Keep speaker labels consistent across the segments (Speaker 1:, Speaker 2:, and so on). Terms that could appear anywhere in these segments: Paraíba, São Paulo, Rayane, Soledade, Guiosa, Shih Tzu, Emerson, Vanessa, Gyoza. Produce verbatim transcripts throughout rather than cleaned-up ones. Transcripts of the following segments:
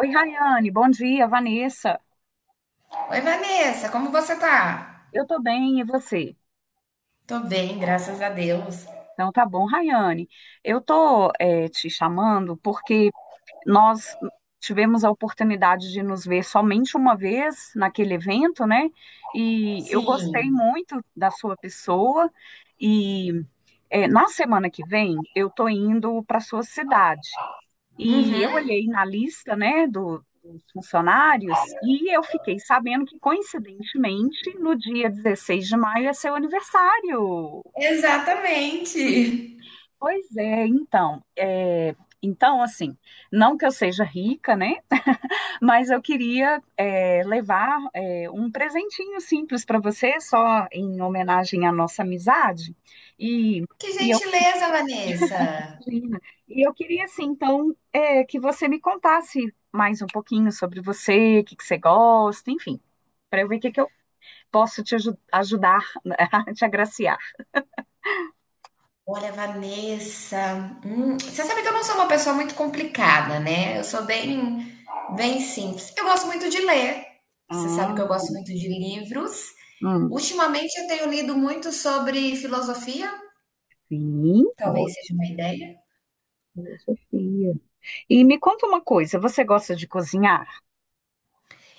Speaker 1: Oi, Rayane, bom dia, Vanessa.
Speaker 2: Oi, Vanessa, como você tá?
Speaker 1: Eu tô bem, e você?
Speaker 2: Tô bem, graças a Deus.
Speaker 1: Então tá bom, Rayane. Eu tô eh, te chamando porque nós tivemos a oportunidade de nos ver somente uma vez naquele evento, né? E eu gostei
Speaker 2: Sim.
Speaker 1: muito da sua pessoa. E eh, na semana que vem eu tô indo para sua cidade. E eu
Speaker 2: Uhum.
Speaker 1: olhei na lista, né, do- dos funcionários e eu fiquei sabendo que, coincidentemente, no dia dezesseis de maio é seu aniversário.
Speaker 2: Exatamente.
Speaker 1: Pois é, então, é, então, assim, não que eu seja rica, né, mas eu queria é, levar é, um presentinho simples para você, só em homenagem à nossa amizade. E,
Speaker 2: Que
Speaker 1: e eu.
Speaker 2: gentileza, Vanessa.
Speaker 1: Imagina. E eu queria, assim, então, é, que você me contasse mais um pouquinho sobre você, o que que você gosta, enfim, para eu ver o que que eu posso te aju- ajudar, né, a te agraciar.
Speaker 2: Olha, Vanessa, hum, você sabe que eu não sou uma pessoa muito complicada, né? Eu sou bem, bem simples. Eu gosto muito de ler. Você sabe
Speaker 1: Ah,
Speaker 2: que eu gosto muito de livros.
Speaker 1: hum,
Speaker 2: Ultimamente eu tenho lido muito sobre filosofia,
Speaker 1: sim,
Speaker 2: talvez seja
Speaker 1: ótimo,
Speaker 2: uma ideia.
Speaker 1: filosofia. E me conta uma coisa, você gosta de cozinhar?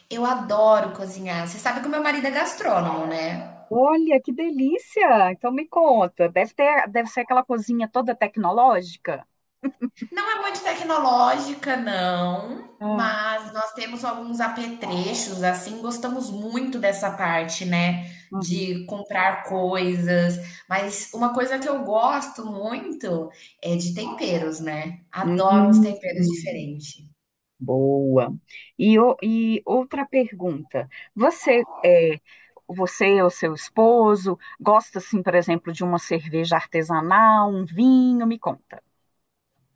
Speaker 2: Eu adoro cozinhar. Você sabe que o meu marido é gastrônomo, né?
Speaker 1: Olha, que delícia! Então me conta, deve ter, deve ser aquela cozinha toda tecnológica?
Speaker 2: Não é muito tecnológica, não,
Speaker 1: Ah,
Speaker 2: mas nós temos alguns apetrechos, assim, gostamos muito dessa parte, né?
Speaker 1: uhum.
Speaker 2: De comprar coisas, mas uma coisa que eu gosto muito é de temperos, né?
Speaker 1: Hum,
Speaker 2: Adoro os temperos
Speaker 1: hum.
Speaker 2: diferentes.
Speaker 1: Boa. E, o- e outra pergunta. Você é, você ou seu esposo gosta, assim, por exemplo, de uma cerveja artesanal, um vinho? Me conta.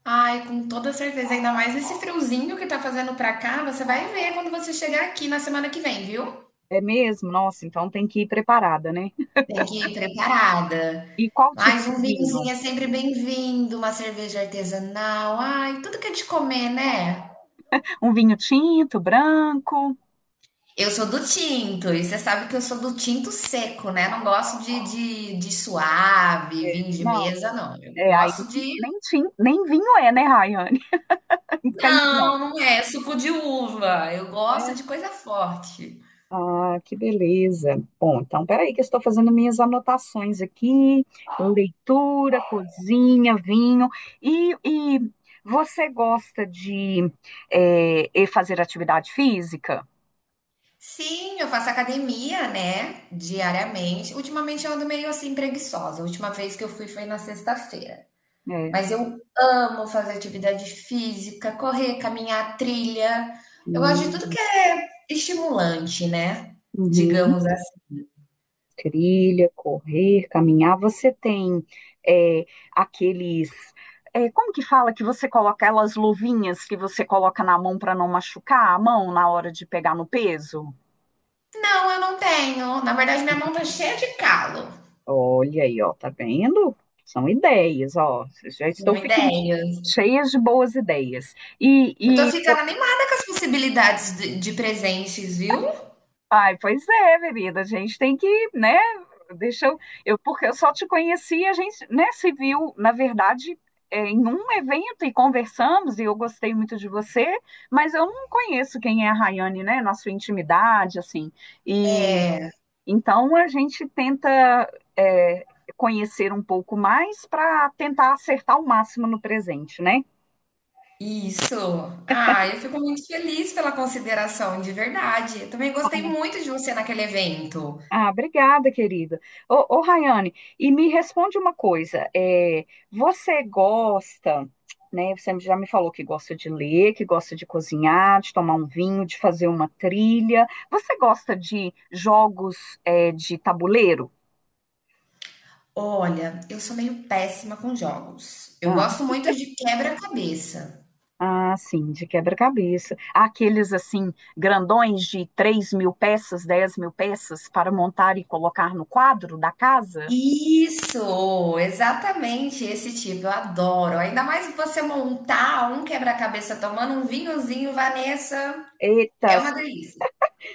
Speaker 2: Ai, com toda certeza, ainda mais esse friozinho que tá fazendo pra cá, você vai ver quando você chegar aqui na semana que vem, viu?
Speaker 1: É mesmo? Nossa, então tem que ir preparada, né?
Speaker 2: Tem que ir preparada.
Speaker 1: E qual tipo
Speaker 2: Mas
Speaker 1: de
Speaker 2: um
Speaker 1: vinho?
Speaker 2: vinhozinho é sempre bem-vindo, uma cerveja artesanal, ai, tudo que é de comer, né?
Speaker 1: Um vinho tinto, branco?
Speaker 2: Eu sou do tinto, e você sabe que eu sou do tinto seco, né? Não gosto de, de, de suave,
Speaker 1: É,
Speaker 2: vinho de
Speaker 1: não,
Speaker 2: mesa, não. Eu
Speaker 1: é aí
Speaker 2: gosto de.
Speaker 1: nem, tin- nem vinho é, né, Rayane? Fica entre nós.
Speaker 2: Não, não é suco de uva. Eu gosto
Speaker 1: Né?
Speaker 2: de coisa forte.
Speaker 1: Ah, que beleza. Bom, então peraí que eu estou fazendo minhas anotações aqui, leitura, cozinha, vinho. E, e você gosta de eh, e fazer atividade física?
Speaker 2: Sim, eu faço academia, né? Diariamente. Ultimamente eu ando meio assim preguiçosa. A última vez que eu fui foi na sexta-feira.
Speaker 1: É.
Speaker 2: Mas eu amo fazer atividade física, correr, caminhar, trilha. Eu gosto de tudo que
Speaker 1: Hum,
Speaker 2: é estimulante, né?
Speaker 1: uhum.
Speaker 2: Digamos assim.
Speaker 1: Trilha, correr, caminhar. Você tem eh, aqueles, eh, como que fala que você coloca aquelas luvinhas que você coloca na mão para não machucar a mão na hora de pegar no peso?
Speaker 2: Não, eu não tenho. Na verdade, minha mão tá cheia de calo.
Speaker 1: Olha aí, ó, tá vendo? São ideias, ó. Já estou
Speaker 2: Uma
Speaker 1: ficando
Speaker 2: ideia.
Speaker 1: cheias de boas ideias. E,
Speaker 2: Eu tô
Speaker 1: e po-
Speaker 2: ficando animada com as possibilidades de, de presentes, viu?
Speaker 1: ai, pois é, querida, a gente tem que, né? Deixa eu, eu, porque eu só te conheci, a gente, né, se viu, na verdade, é, em um evento e conversamos, e eu gostei muito de você, mas eu não conheço quem é a Rayane, né? Na sua intimidade, assim. Então a gente tenta é, conhecer um pouco mais para tentar acertar o máximo no presente, né?
Speaker 2: Isso. Ah, eu fico muito feliz pela consideração, de verdade. Eu também gostei muito de você naquele evento.
Speaker 1: Ah, obrigada, querida. Ô, ô Rayane, e me responde uma coisa: é, você gosta, né? Você já me falou que gosta de ler, que gosta de cozinhar, de tomar um vinho, de fazer uma trilha. Você gosta de jogos, é, de tabuleiro?
Speaker 2: Olha, eu sou meio péssima com jogos. Eu
Speaker 1: Ah,
Speaker 2: gosto muito de quebra-cabeça.
Speaker 1: ah, sim, de quebra-cabeça. Há aqueles, assim, grandões de três mil peças, dez mil peças para montar e colocar no quadro da casa?
Speaker 2: Isso, exatamente esse tipo, eu adoro. Ainda mais você montar um quebra-cabeça tomando um vinhozinho, Vanessa,
Speaker 1: Eita,
Speaker 2: é uma delícia.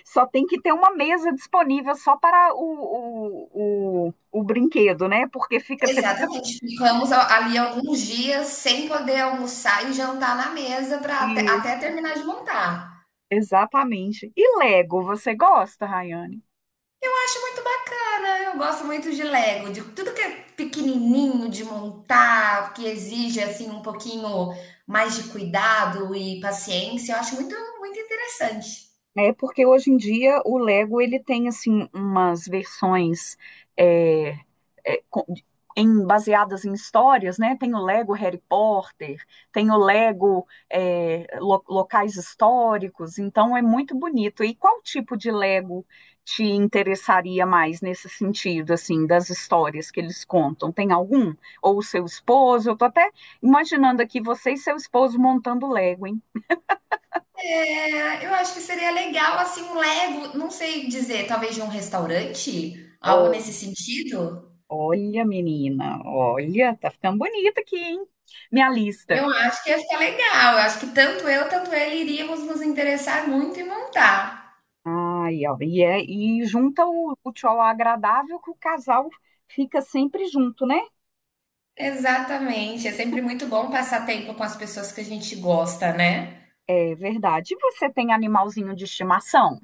Speaker 1: só tem que ter uma mesa disponível só para o, o, o, o brinquedo, né? Porque fica, você fica.
Speaker 2: Exatamente, ficamos a- ali alguns dias sem poder almoçar e jantar na mesa para até, até
Speaker 1: Isso,
Speaker 2: terminar de montar.
Speaker 1: exatamente. E Lego, você gosta, Rayane?
Speaker 2: Eu acho muito bacana, eu gosto muito de Lego, de tudo que é pequenininho de montar, que exige assim um pouquinho mais de cuidado e paciência, eu acho muito, muito interessante.
Speaker 1: É porque hoje em dia o Lego ele tem assim umas versões é, é, com- em- baseadas em histórias, né? Tem o Lego Harry Potter, tem o Lego é, lo- locais históricos, então é muito bonito. E qual tipo de Lego te interessaria mais nesse sentido, assim, das histórias que eles contam? Tem algum? Ou o seu esposo? Eu tô até imaginando aqui você e seu esposo montando Lego, hein?
Speaker 2: É, eu acho que seria legal, assim, um Lego, não sei dizer, talvez de um restaurante, algo nesse sentido.
Speaker 1: Olha, menina, olha, tá ficando bonita aqui, hein? Minha lista.
Speaker 2: Eu acho que ia ficar legal. Eu acho que tanto eu, tanto ele iríamos nos interessar muito em montar.
Speaker 1: Ai, ó, e, é, e junta o, o tchau agradável que o casal fica sempre junto, né?
Speaker 2: Exatamente. É sempre muito bom passar tempo com as pessoas que a gente gosta, né?
Speaker 1: É verdade. E você tem animalzinho de estimação?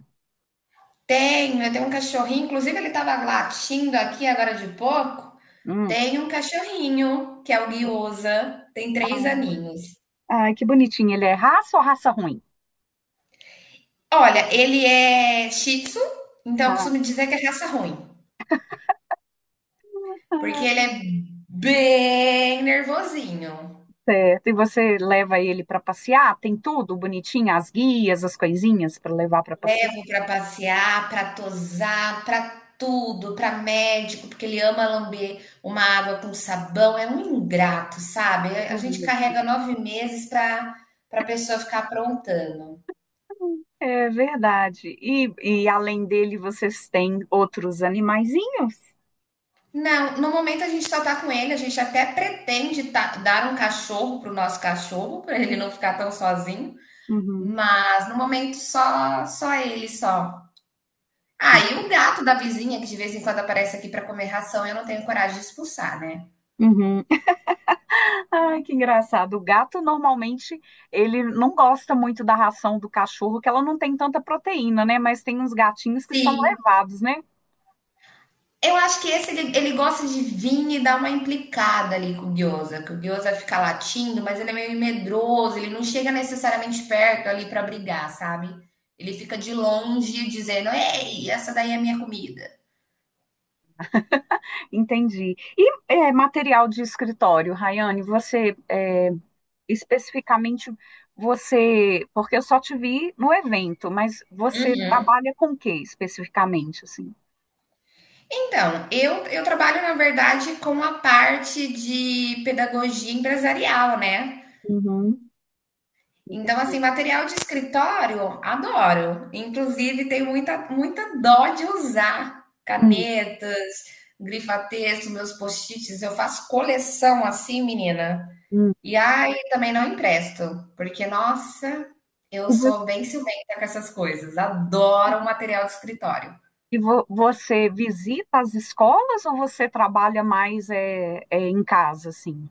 Speaker 2: Tenho, eu tenho um cachorrinho, inclusive ele tava latindo aqui agora de pouco.
Speaker 1: Hum.
Speaker 2: Tenho um cachorrinho, que é o Guiosa, tem três
Speaker 1: Ah,
Speaker 2: aninhos.
Speaker 1: ai, que bonitinho. Ele é raça ou raça ruim?
Speaker 2: Olha, ele é Shih Tzu, então eu
Speaker 1: Ah,
Speaker 2: costumo dizer que é raça ruim, porque
Speaker 1: ah,
Speaker 2: ele é bem nervosinho.
Speaker 1: certo. E você leva ele para passear? Tem tudo bonitinho, as guias, as coisinhas para levar para passear?
Speaker 2: Levo pra passear, pra tosar, pra tudo, pra médico, porque ele ama lamber uma água com sabão. É um ingrato, sabe? A gente carrega nove meses pra pra pessoa ficar aprontando.
Speaker 1: É verdade. E, e além dele, vocês têm outros animaizinhos?
Speaker 2: Não, no momento a gente só tá com ele, a gente até pretende ta- dar um cachorro pro nosso cachorro, pra ele não ficar tão sozinho.
Speaker 1: Uhum.
Speaker 2: Mas no momento só só ele só.
Speaker 1: É.
Speaker 2: Ah, e o gato da vizinha que de vez em quando aparece aqui para comer ração, eu não tenho coragem de expulsar, né?
Speaker 1: Uhum. Ai, que engraçado. O gato normalmente ele não gosta muito da ração do cachorro, que ela não tem tanta proteína, né? Mas tem uns gatinhos que são
Speaker 2: Sim.
Speaker 1: levados, né?
Speaker 2: Eu acho que esse ele, ele gosta de vir e dar uma implicada ali com o Gyoza, que o Gyoza fica latindo, mas ele é meio medroso, ele não chega necessariamente perto ali para brigar, sabe? Ele fica de longe dizendo: "Ei, essa daí é a minha comida".
Speaker 1: Entendi. E é, material de escritório, Rayane, você é, especificamente você, porque eu só te vi no evento, mas você
Speaker 2: Uhum.
Speaker 1: trabalha com o que especificamente, assim?
Speaker 2: Então, eu, eu trabalho, na verdade, com a parte de pedagogia empresarial, né?
Speaker 1: Uhum.
Speaker 2: Então, assim, material de escritório, adoro. Inclusive, tenho muita, muita dó de usar
Speaker 1: Hum,
Speaker 2: canetas, grifa-texto, meus post-its. Eu faço coleção assim, menina.
Speaker 1: hum.
Speaker 2: E ai, também não empresto, porque, nossa, eu
Speaker 1: E vo-
Speaker 2: sou bem ciumenta com essas coisas. Adoro material de escritório.
Speaker 1: e vo- você visita as escolas ou você trabalha mais é, é, em casa, assim?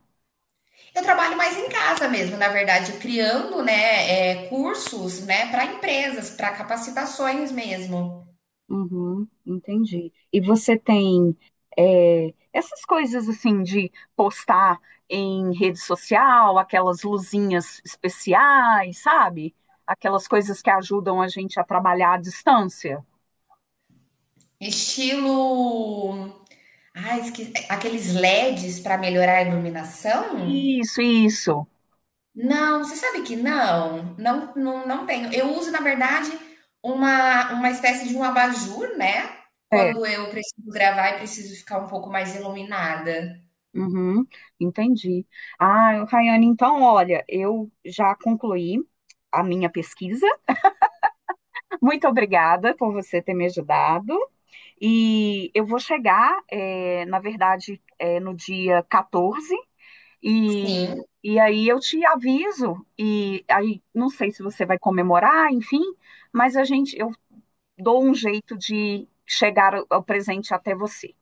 Speaker 2: Eu trabalho mais em casa mesmo, na verdade, criando, né, é, cursos, né, para empresas, para capacitações mesmo.
Speaker 1: Uhum, entendi. E você tem é, essas coisas assim de postar em rede social, aquelas luzinhas especiais, sabe? Aquelas coisas que ajudam a gente a trabalhar à distância.
Speaker 2: Estilo. Ah, esque... Aqueles L E Ds para melhorar a iluminação?
Speaker 1: Isso, isso.
Speaker 2: Não, você sabe que não, não, não, não tenho. Eu uso, na verdade, uma, uma espécie de um abajur, né?
Speaker 1: É.
Speaker 2: Quando eu preciso gravar e preciso ficar um pouco mais iluminada.
Speaker 1: Uhum, entendi. Ah, Rayane, então, olha, eu já concluí a minha pesquisa. Muito obrigada por você ter me ajudado. E eu vou chegar, eh, na verdade, eh, no dia quatorze, e,
Speaker 2: Sim,
Speaker 1: e aí eu te aviso. E aí, não sei se você vai comemorar, enfim, mas a gente, eu dou um jeito de chegar o o presente até você.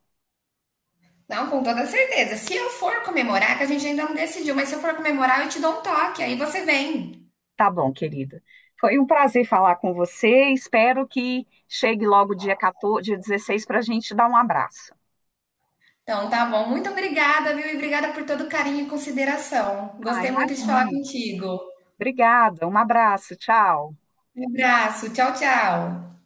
Speaker 2: não, com toda certeza. Se eu for comemorar, que a gente ainda não decidiu, mas se eu for comemorar, eu te dou um toque, aí você vem.
Speaker 1: Tá bom, querida. Foi um prazer falar com você. Espero que chegue logo dia quatorze, dia dezesseis para a gente dar um abraço.
Speaker 2: Então, tá bom. Muito obrigada, viu? E obrigada por todo o carinho e consideração.
Speaker 1: Ah,
Speaker 2: Gostei muito de falar
Speaker 1: imagina.
Speaker 2: contigo.
Speaker 1: Obrigada. Um abraço. Tchau.
Speaker 2: Um abraço. Tchau, tchau.